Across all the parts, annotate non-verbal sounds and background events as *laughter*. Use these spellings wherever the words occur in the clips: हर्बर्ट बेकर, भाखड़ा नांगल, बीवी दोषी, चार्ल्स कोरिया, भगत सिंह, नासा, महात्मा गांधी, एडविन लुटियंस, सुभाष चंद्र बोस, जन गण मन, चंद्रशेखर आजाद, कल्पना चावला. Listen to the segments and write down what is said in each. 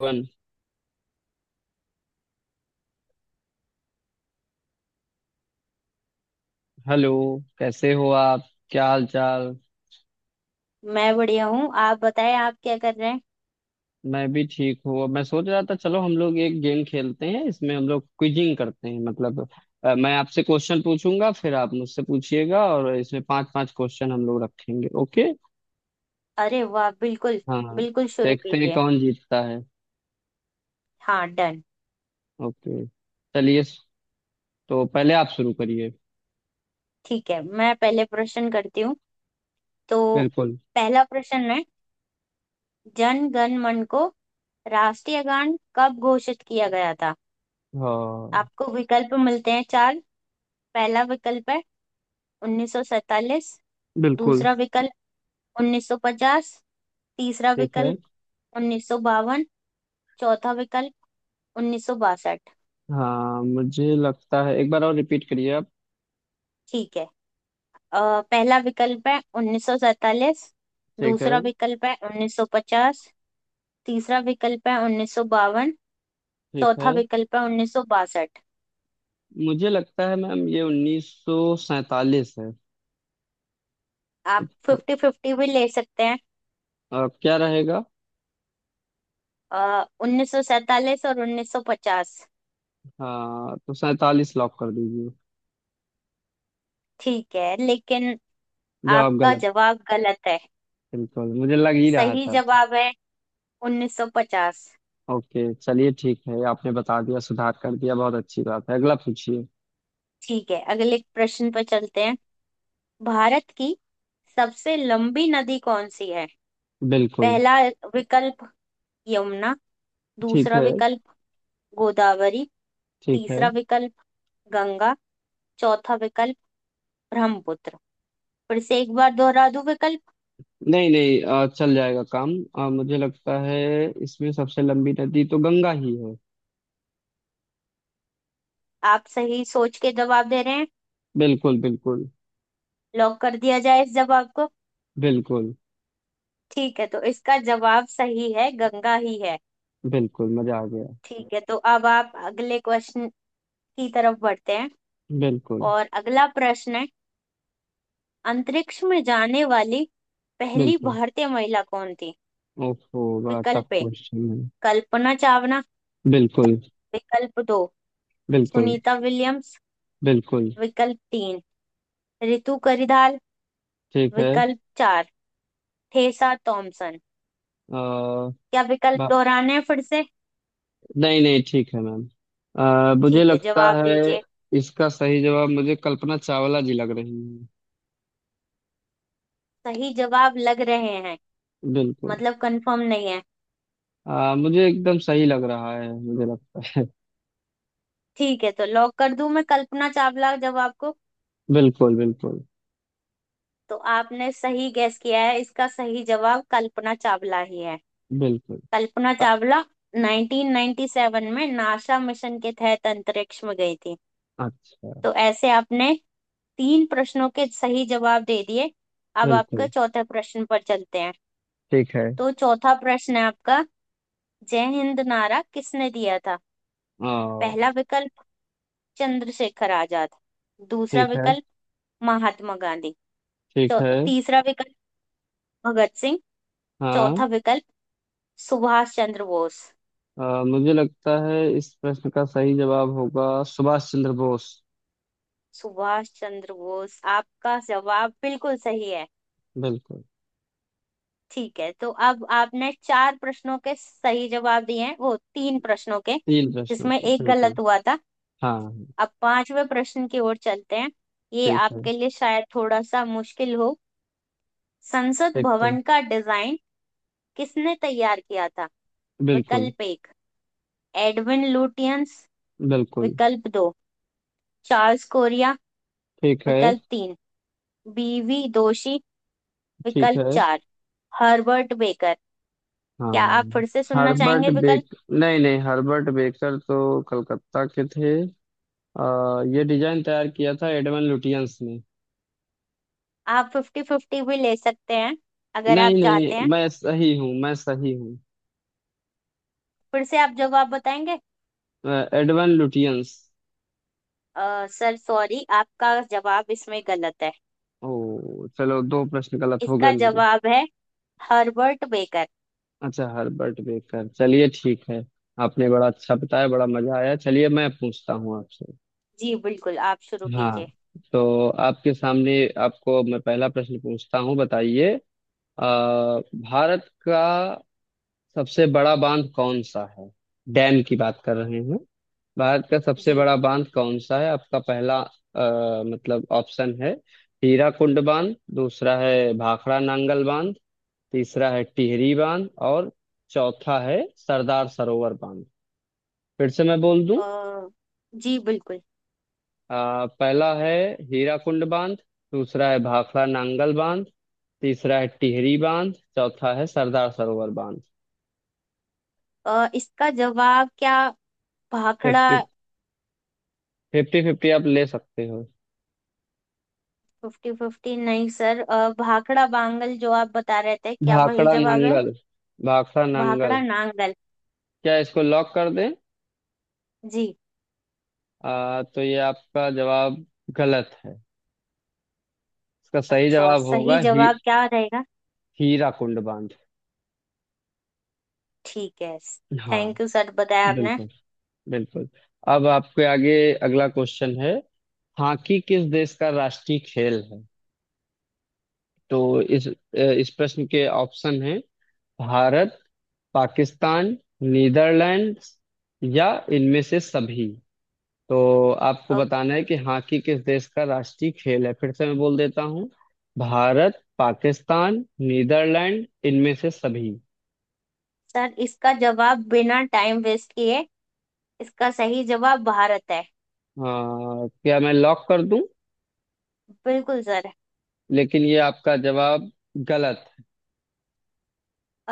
One. Hello. कैसे हो आप? क्या हाल चाल? मैं बढ़िया हूँ। आप बताएं, आप क्या कर रहे हैं? मैं भी ठीक हूँ। मैं सोच रहा था चलो हम लोग एक गेम खेलते हैं, इसमें हम लोग क्विजिंग करते हैं, मतलब मैं आपसे क्वेश्चन पूछूंगा, फिर आप मुझसे पूछिएगा, और इसमें पांच पांच क्वेश्चन हम लोग रखेंगे। ओके। अरे वाह, बिल्कुल। हाँ। बिल्कुल शुरू देखते हैं कीजिए। कौन जीतता है। हाँ, डन। ओके। चलिए। तो पहले आप शुरू करिए। ठीक है, मैं पहले प्रश्न करती हूँ। तो बिल्कुल। पहला प्रश्न है, जन गण मन को राष्ट्रीय गान कब घोषित किया गया था? हाँ। आपको विकल्प मिलते हैं चार। पहला विकल्प है 1947। बिल्कुल। दूसरा विकल्प 1950। तीसरा ठीक है। विकल्प 1952। चौथा विकल्प 1962। हाँ, मुझे लगता है एक बार और रिपीट करिए आप। ठीक है। पहला विकल्प है 1947। ठीक है। दूसरा विकल्प है 1950। तीसरा विकल्प है 1952। ठीक है। चौथा विकल्प है 1962। मुझे लगता है मैम ये 1947 है। आप अब तो- फिफ्टी फिफ्टी भी ले सकते हैं। अब क्या रहेगा? 1947 और 1950। हाँ, तो 47 लॉक कर दीजिए। ठीक है, लेकिन जवाब आपका गलत। जवाब गलत है। बिल्कुल, मुझे लग ही रहा सही था। जवाब है 1950। ओके, चलिए, ठीक है। आपने बता दिया, सुधार कर दिया, बहुत अच्छी बात है। अगला पूछिए। ठीक है, अगले प्रश्न पर चलते हैं। भारत की सबसे लंबी नदी कौन सी है? बिल्कुल। पहला विकल्प यमुना। ठीक दूसरा है। विकल्प गोदावरी। ठीक है। तीसरा विकल्प गंगा। चौथा विकल्प ब्रह्मपुत्र। फिर से एक बार दोहरा दूं विकल्प। नहीं नहीं, चल जाएगा काम। मुझे लगता है इसमें सबसे लंबी नदी तो गंगा ही है। आप सही सोच के जवाब दे रहे हैं। बिल्कुल। बिल्कुल। लॉक कर दिया जाए इस जवाब को। बिल्कुल। ठीक है, तो इसका जवाब सही है, गंगा ही है। बिल्कुल मजा आ गया। ठीक है, तो अब आप अगले क्वेश्चन की तरफ बढ़ते हैं। बिल्कुल। और अगला प्रश्न है, अंतरिक्ष में जाने वाली पहली बिल्कुल। भारतीय महिला कौन थी? ओफो, बड़ा टफ विकल्प ए क्वेश्चन है। कल्पना चावला। बिल्कुल। विकल्प दो बिल्कुल। सुनीता विलियम्स। बिल्कुल। विकल्प तीन रितु करिधाल। ठीक है। विकल्प चार ठेसा थॉमसन। क्या विकल्प बा- दोहराने हैं फिर से? नहीं नहीं, ठीक है मैम। मुझे ठीक है, लगता जवाब है दीजिए। इसका सही जवाब मुझे कल्पना चावला जी लग रही है। सही जवाब लग रहे हैं। बिल्कुल। मतलब कंफर्म नहीं है? मुझे एकदम सही लग रहा है, मुझे लगता है। ठीक है, तो लॉक कर दूं मैं कल्पना चावला जवाब को। बिल्कुल। बिल्कुल। तो आपने सही गैस किया है, इसका सही जवाब कल्पना चावला ही है। बिल्कुल। कल्पना अ- चावला 1997 में नासा मिशन के तहत अंतरिक्ष में गई थी। अच्छा। तो ऐसे आपने तीन प्रश्नों के सही जवाब दे दिए। अब बिल्कुल। आपके चौथे प्रश्न पर चलते हैं। ठीक है। तो चौथा प्रश्न है आपका, जय हिंद नारा किसने दिया था? अ, पहला विकल्प चंद्रशेखर आजाद। दूसरा ठीक है। विकल्प महात्मा गांधी। ठीक है। तीसरा विकल्प भगत सिंह। हाँ, चौथा विकल्प सुभाष चंद्र बोस। मुझे लगता है इस प्रश्न का सही जवाब होगा सुभाष चंद्र बोस। सुभाष चंद्र बोस, आपका जवाब बिल्कुल सही है। बिल्कुल। ठीक है, तो अब आपने चार प्रश्नों के सही जवाब दिए हैं, वो तीन प्रश्नों के, तीन प्रश्नों जिसमें के, एक बिल्कुल। गलत हुआ था। हाँ। अब पांचवें प्रश्न की ओर चलते हैं। ये ठीक है। आपके लिए शायद थोड़ा सा मुश्किल हो। संसद देखते हैं। भवन का डिजाइन किसने तैयार किया था? बिल्कुल। विकल्प एक एडविन लुटियंस। बिल्कुल। विकल्प दो चार्ल्स कोरिया। ठीक है। विकल्प तीन बीवी दोषी। ठीक विकल्प है। चार हर्बर्ट बेकर। क्या आप हाँ। फिर से सुनना हर्बर्ट चाहेंगे विकल्प? बेक, नहीं नहीं, हर्बर्ट बेकर तो कलकत्ता के थे। ये डिजाइन तैयार किया था एडवन लुटियंस ने। आप फिफ्टी फिफ्टी भी ले सकते हैं अगर नहीं आप नहीं, चाहते हैं। मैं सही हूँ, मैं सही हूँ। फिर से आप जवाब बताएंगे। Edwin Lutyens. सर सॉरी, आपका जवाब इसमें गलत है। ओ, चलो दो प्रश्न गलत हो गए इसका मेरे। जवाब है हर्बर्ट बेकर। अच्छा, हर्बर्ट बेकर, चलिए ठीक है। आपने बड़ा अच्छा बताया, बड़ा मजा आया। चलिए, मैं पूछता हूँ आपसे। जी बिल्कुल, आप शुरू हाँ। कीजिए। तो आपके सामने, आपको मैं पहला प्रश्न पूछता हूँ, बताइए। भारत का सबसे बड़ा बांध कौन सा है? डैम की बात कर रहे हैं। भारत का सबसे जी। बड़ा बांध कौन सा है? आपका पहला, मतलब ऑप्शन है: हीराकुंड बांध, दूसरा है भाखड़ा नांगल बांध, तीसरा है टिहरी बांध और चौथा है सरदार सरोवर बांध। फिर से मैं बोल दूं। अ, जी बिल्कुल। पहला है हीराकुंड बांध, दूसरा है भाखड़ा नांगल बांध, तीसरा है टिहरी बांध, चौथा है सरदार सरोवर बांध। इसका जवाब क्या, भाखड़ा? फिफ्टी फिफ्टी फिफ्टी आप ले सकते हो। फिफ्टी फिफ्टी नहीं सर। भाखड़ा बांगल जो आप बता रहे थे, क्या वही भाखड़ा जवाब है? नांगल। भाखड़ा नांगल। भाखड़ा नांगल। क्या इसको लॉक कर दें? जी। तो ये आपका जवाब गलत है। इसका सही अच्छा, जवाब होगा सही ही जवाब क्या रहेगा? हीराकुंड बांध। ठीक है, हाँ। थैंक यू सर, बताया आपने। बिल्कुल। बिल्कुल। अब आपके आगे अगला क्वेश्चन है। हॉकी किस देश का राष्ट्रीय खेल है? तो इस प्रश्न के ऑप्शन हैं: भारत, पाकिस्तान, नीदरलैंड, या इनमें से सभी। तो आपको अब बताना है कि हॉकी किस देश का राष्ट्रीय खेल है। फिर से मैं बोल देता हूँ। भारत, पाकिस्तान, नीदरलैंड, इनमें से सभी। सर इसका जवाब बिना टाइम वेस्ट किए, इसका सही जवाब भारत है। अ, क्या मैं लॉक कर दूं? बिल्कुल सर। लेकिन ये आपका जवाब गलत।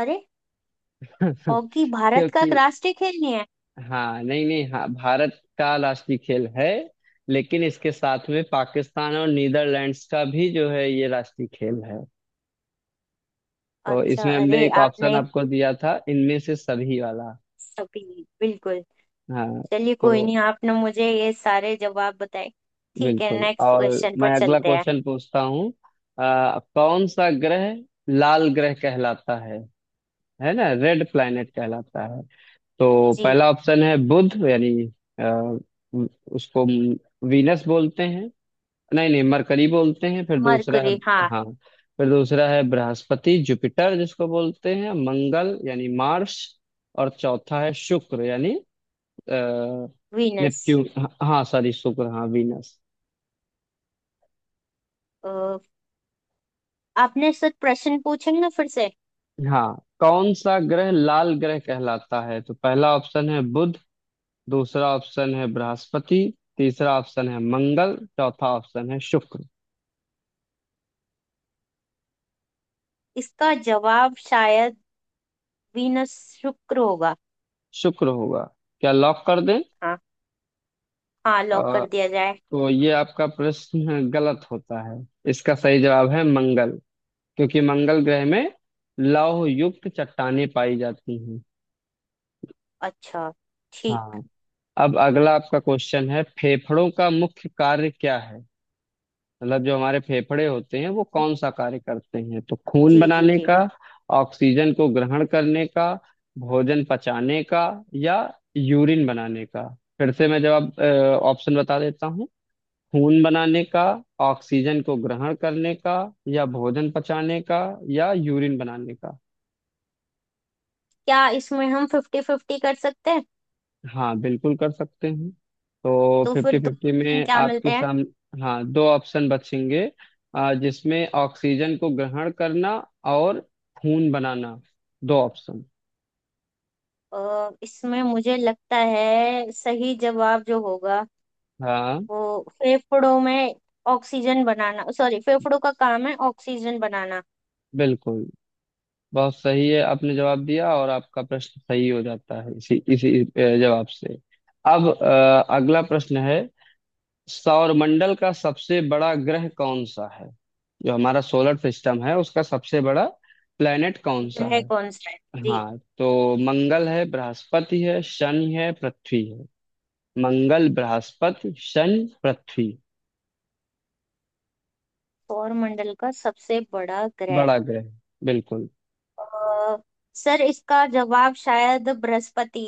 अरे, *laughs* हॉकी भारत का क्योंकि, राष्ट्रीय खेल नहीं है? हाँ, नहीं नहीं, हाँ, भारत का राष्ट्रीय खेल है, लेकिन इसके साथ में पाकिस्तान और नीदरलैंड्स का भी जो है ये राष्ट्रीय खेल है। तो अच्छा, इसमें हमने अरे एक ऑप्शन आपने आपको दिया था, इनमें से सभी वाला। सभी, बिल्कुल। हाँ। चलिए, कोई तो नहीं, आपने मुझे ये सारे जवाब बताए। ठीक है, बिल्कुल। नेक्स्ट और क्वेश्चन पर मैं अगला चलते हैं। क्वेश्चन पूछता हूँ। कौन सा ग्रह लाल ग्रह कहलाता है? है ना, रेड प्लैनेट कहलाता है। तो जी। पहला ऑप्शन है बुध, यानी अ, उसको वीनस बोलते हैं, नहीं नहीं, मरकरी बोलते हैं। फिर दूसरा है। मरकुरी, हाँ। हाँ, फिर दूसरा है बृहस्पति, जुपिटर जिसको बोलते हैं। मंगल यानी मार्स, और चौथा है शुक्र, यानी अ, वीनस। नेपच्यून। हाँ, सॉरी, शुक्र, हाँ, वीनस। आपने सर प्रश्न पूछेंगे फिर से? हाँ। कौन सा ग्रह लाल ग्रह कहलाता है? तो पहला ऑप्शन है बुध, दूसरा ऑप्शन है बृहस्पति, तीसरा ऑप्शन है मंगल, चौथा ऑप्शन है शुक्र। इसका जवाब शायद वीनस, शुक्र होगा। शुक्र होगा? क्या लॉक कर दें? हाँ। हाँ, लॉक कर दिया जाए। तो ये आपका प्रश्न गलत होता है। इसका सही जवाब है मंगल, क्योंकि मंगल ग्रह में लौह युक्त चट्टानें पाई जाती हैं। अच्छा। ठीक। हाँ। अब अगला आपका क्वेश्चन है, फेफड़ों का मुख्य कार्य क्या है? मतलब जो हमारे फेफड़े होते हैं वो कौन सा कार्य करते हैं? तो खून जी जी बनाने जी। का, ऑक्सीजन को ग्रहण करने का, भोजन पचाने का, या यूरिन बनाने का। फिर से मैं जवाब, ऑप्शन बता देता हूँ। खून बनाने का, ऑक्सीजन को ग्रहण करने का, या भोजन पचाने का, या यूरिन बनाने का। क्या इसमें हम फिफ्टी फिफ्टी कर सकते हैं? हाँ, बिल्कुल कर सकते हैं। तो तो फिफ्टी फिर दो फिफ्टी ऑप्शन में क्या मिलते आपके हैं? सामने। हाँ, दो ऑप्शन बचेंगे, जिसमें ऑक्सीजन को ग्रहण करना और खून बनाना, दो ऑप्शन। इसमें मुझे लगता है सही जवाब जो होगा, हाँ। वो फेफड़ों में ऑक्सीजन बनाना, सॉरी, फेफड़ों का काम है ऑक्सीजन बनाना। बिल्कुल। बहुत सही है, आपने जवाब दिया और आपका प्रश्न सही हो जाता है इसी इसी जवाब से। अब अगला प्रश्न है। सौरमंडल का सबसे बड़ा ग्रह कौन सा है? जो हमारा सोलर सिस्टम है, उसका सबसे बड़ा प्लेनेट कौन सा ग्रह है? कौन सा है? जी। हाँ। तो मंगल है, बृहस्पति है, शनि है, पृथ्वी है। मंगल, बृहस्पति, शनि, पृथ्वी। सौरमंडल का सबसे बड़ा ग्रह। बड़ा ग्रह। बिल्कुल। अ, सर इसका जवाब शायद बृहस्पति,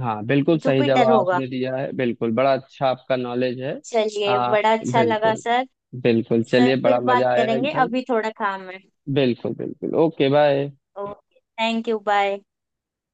हाँ, बिल्कुल सही जवाब जुपिटर होगा। आपने दिया है, बिल्कुल। बड़ा अच्छा आपका नॉलेज है। चलिए, आ, बड़ा अच्छा लगा बिल्कुल। सर। बिल्कुल, सर चलिए, फिर बड़ा बात मजा आया करेंगे, एकदम। अभी थोड़ा काम है। बिल्कुल। बिल्कुल। Okay, bye. Okay, thank you, bye.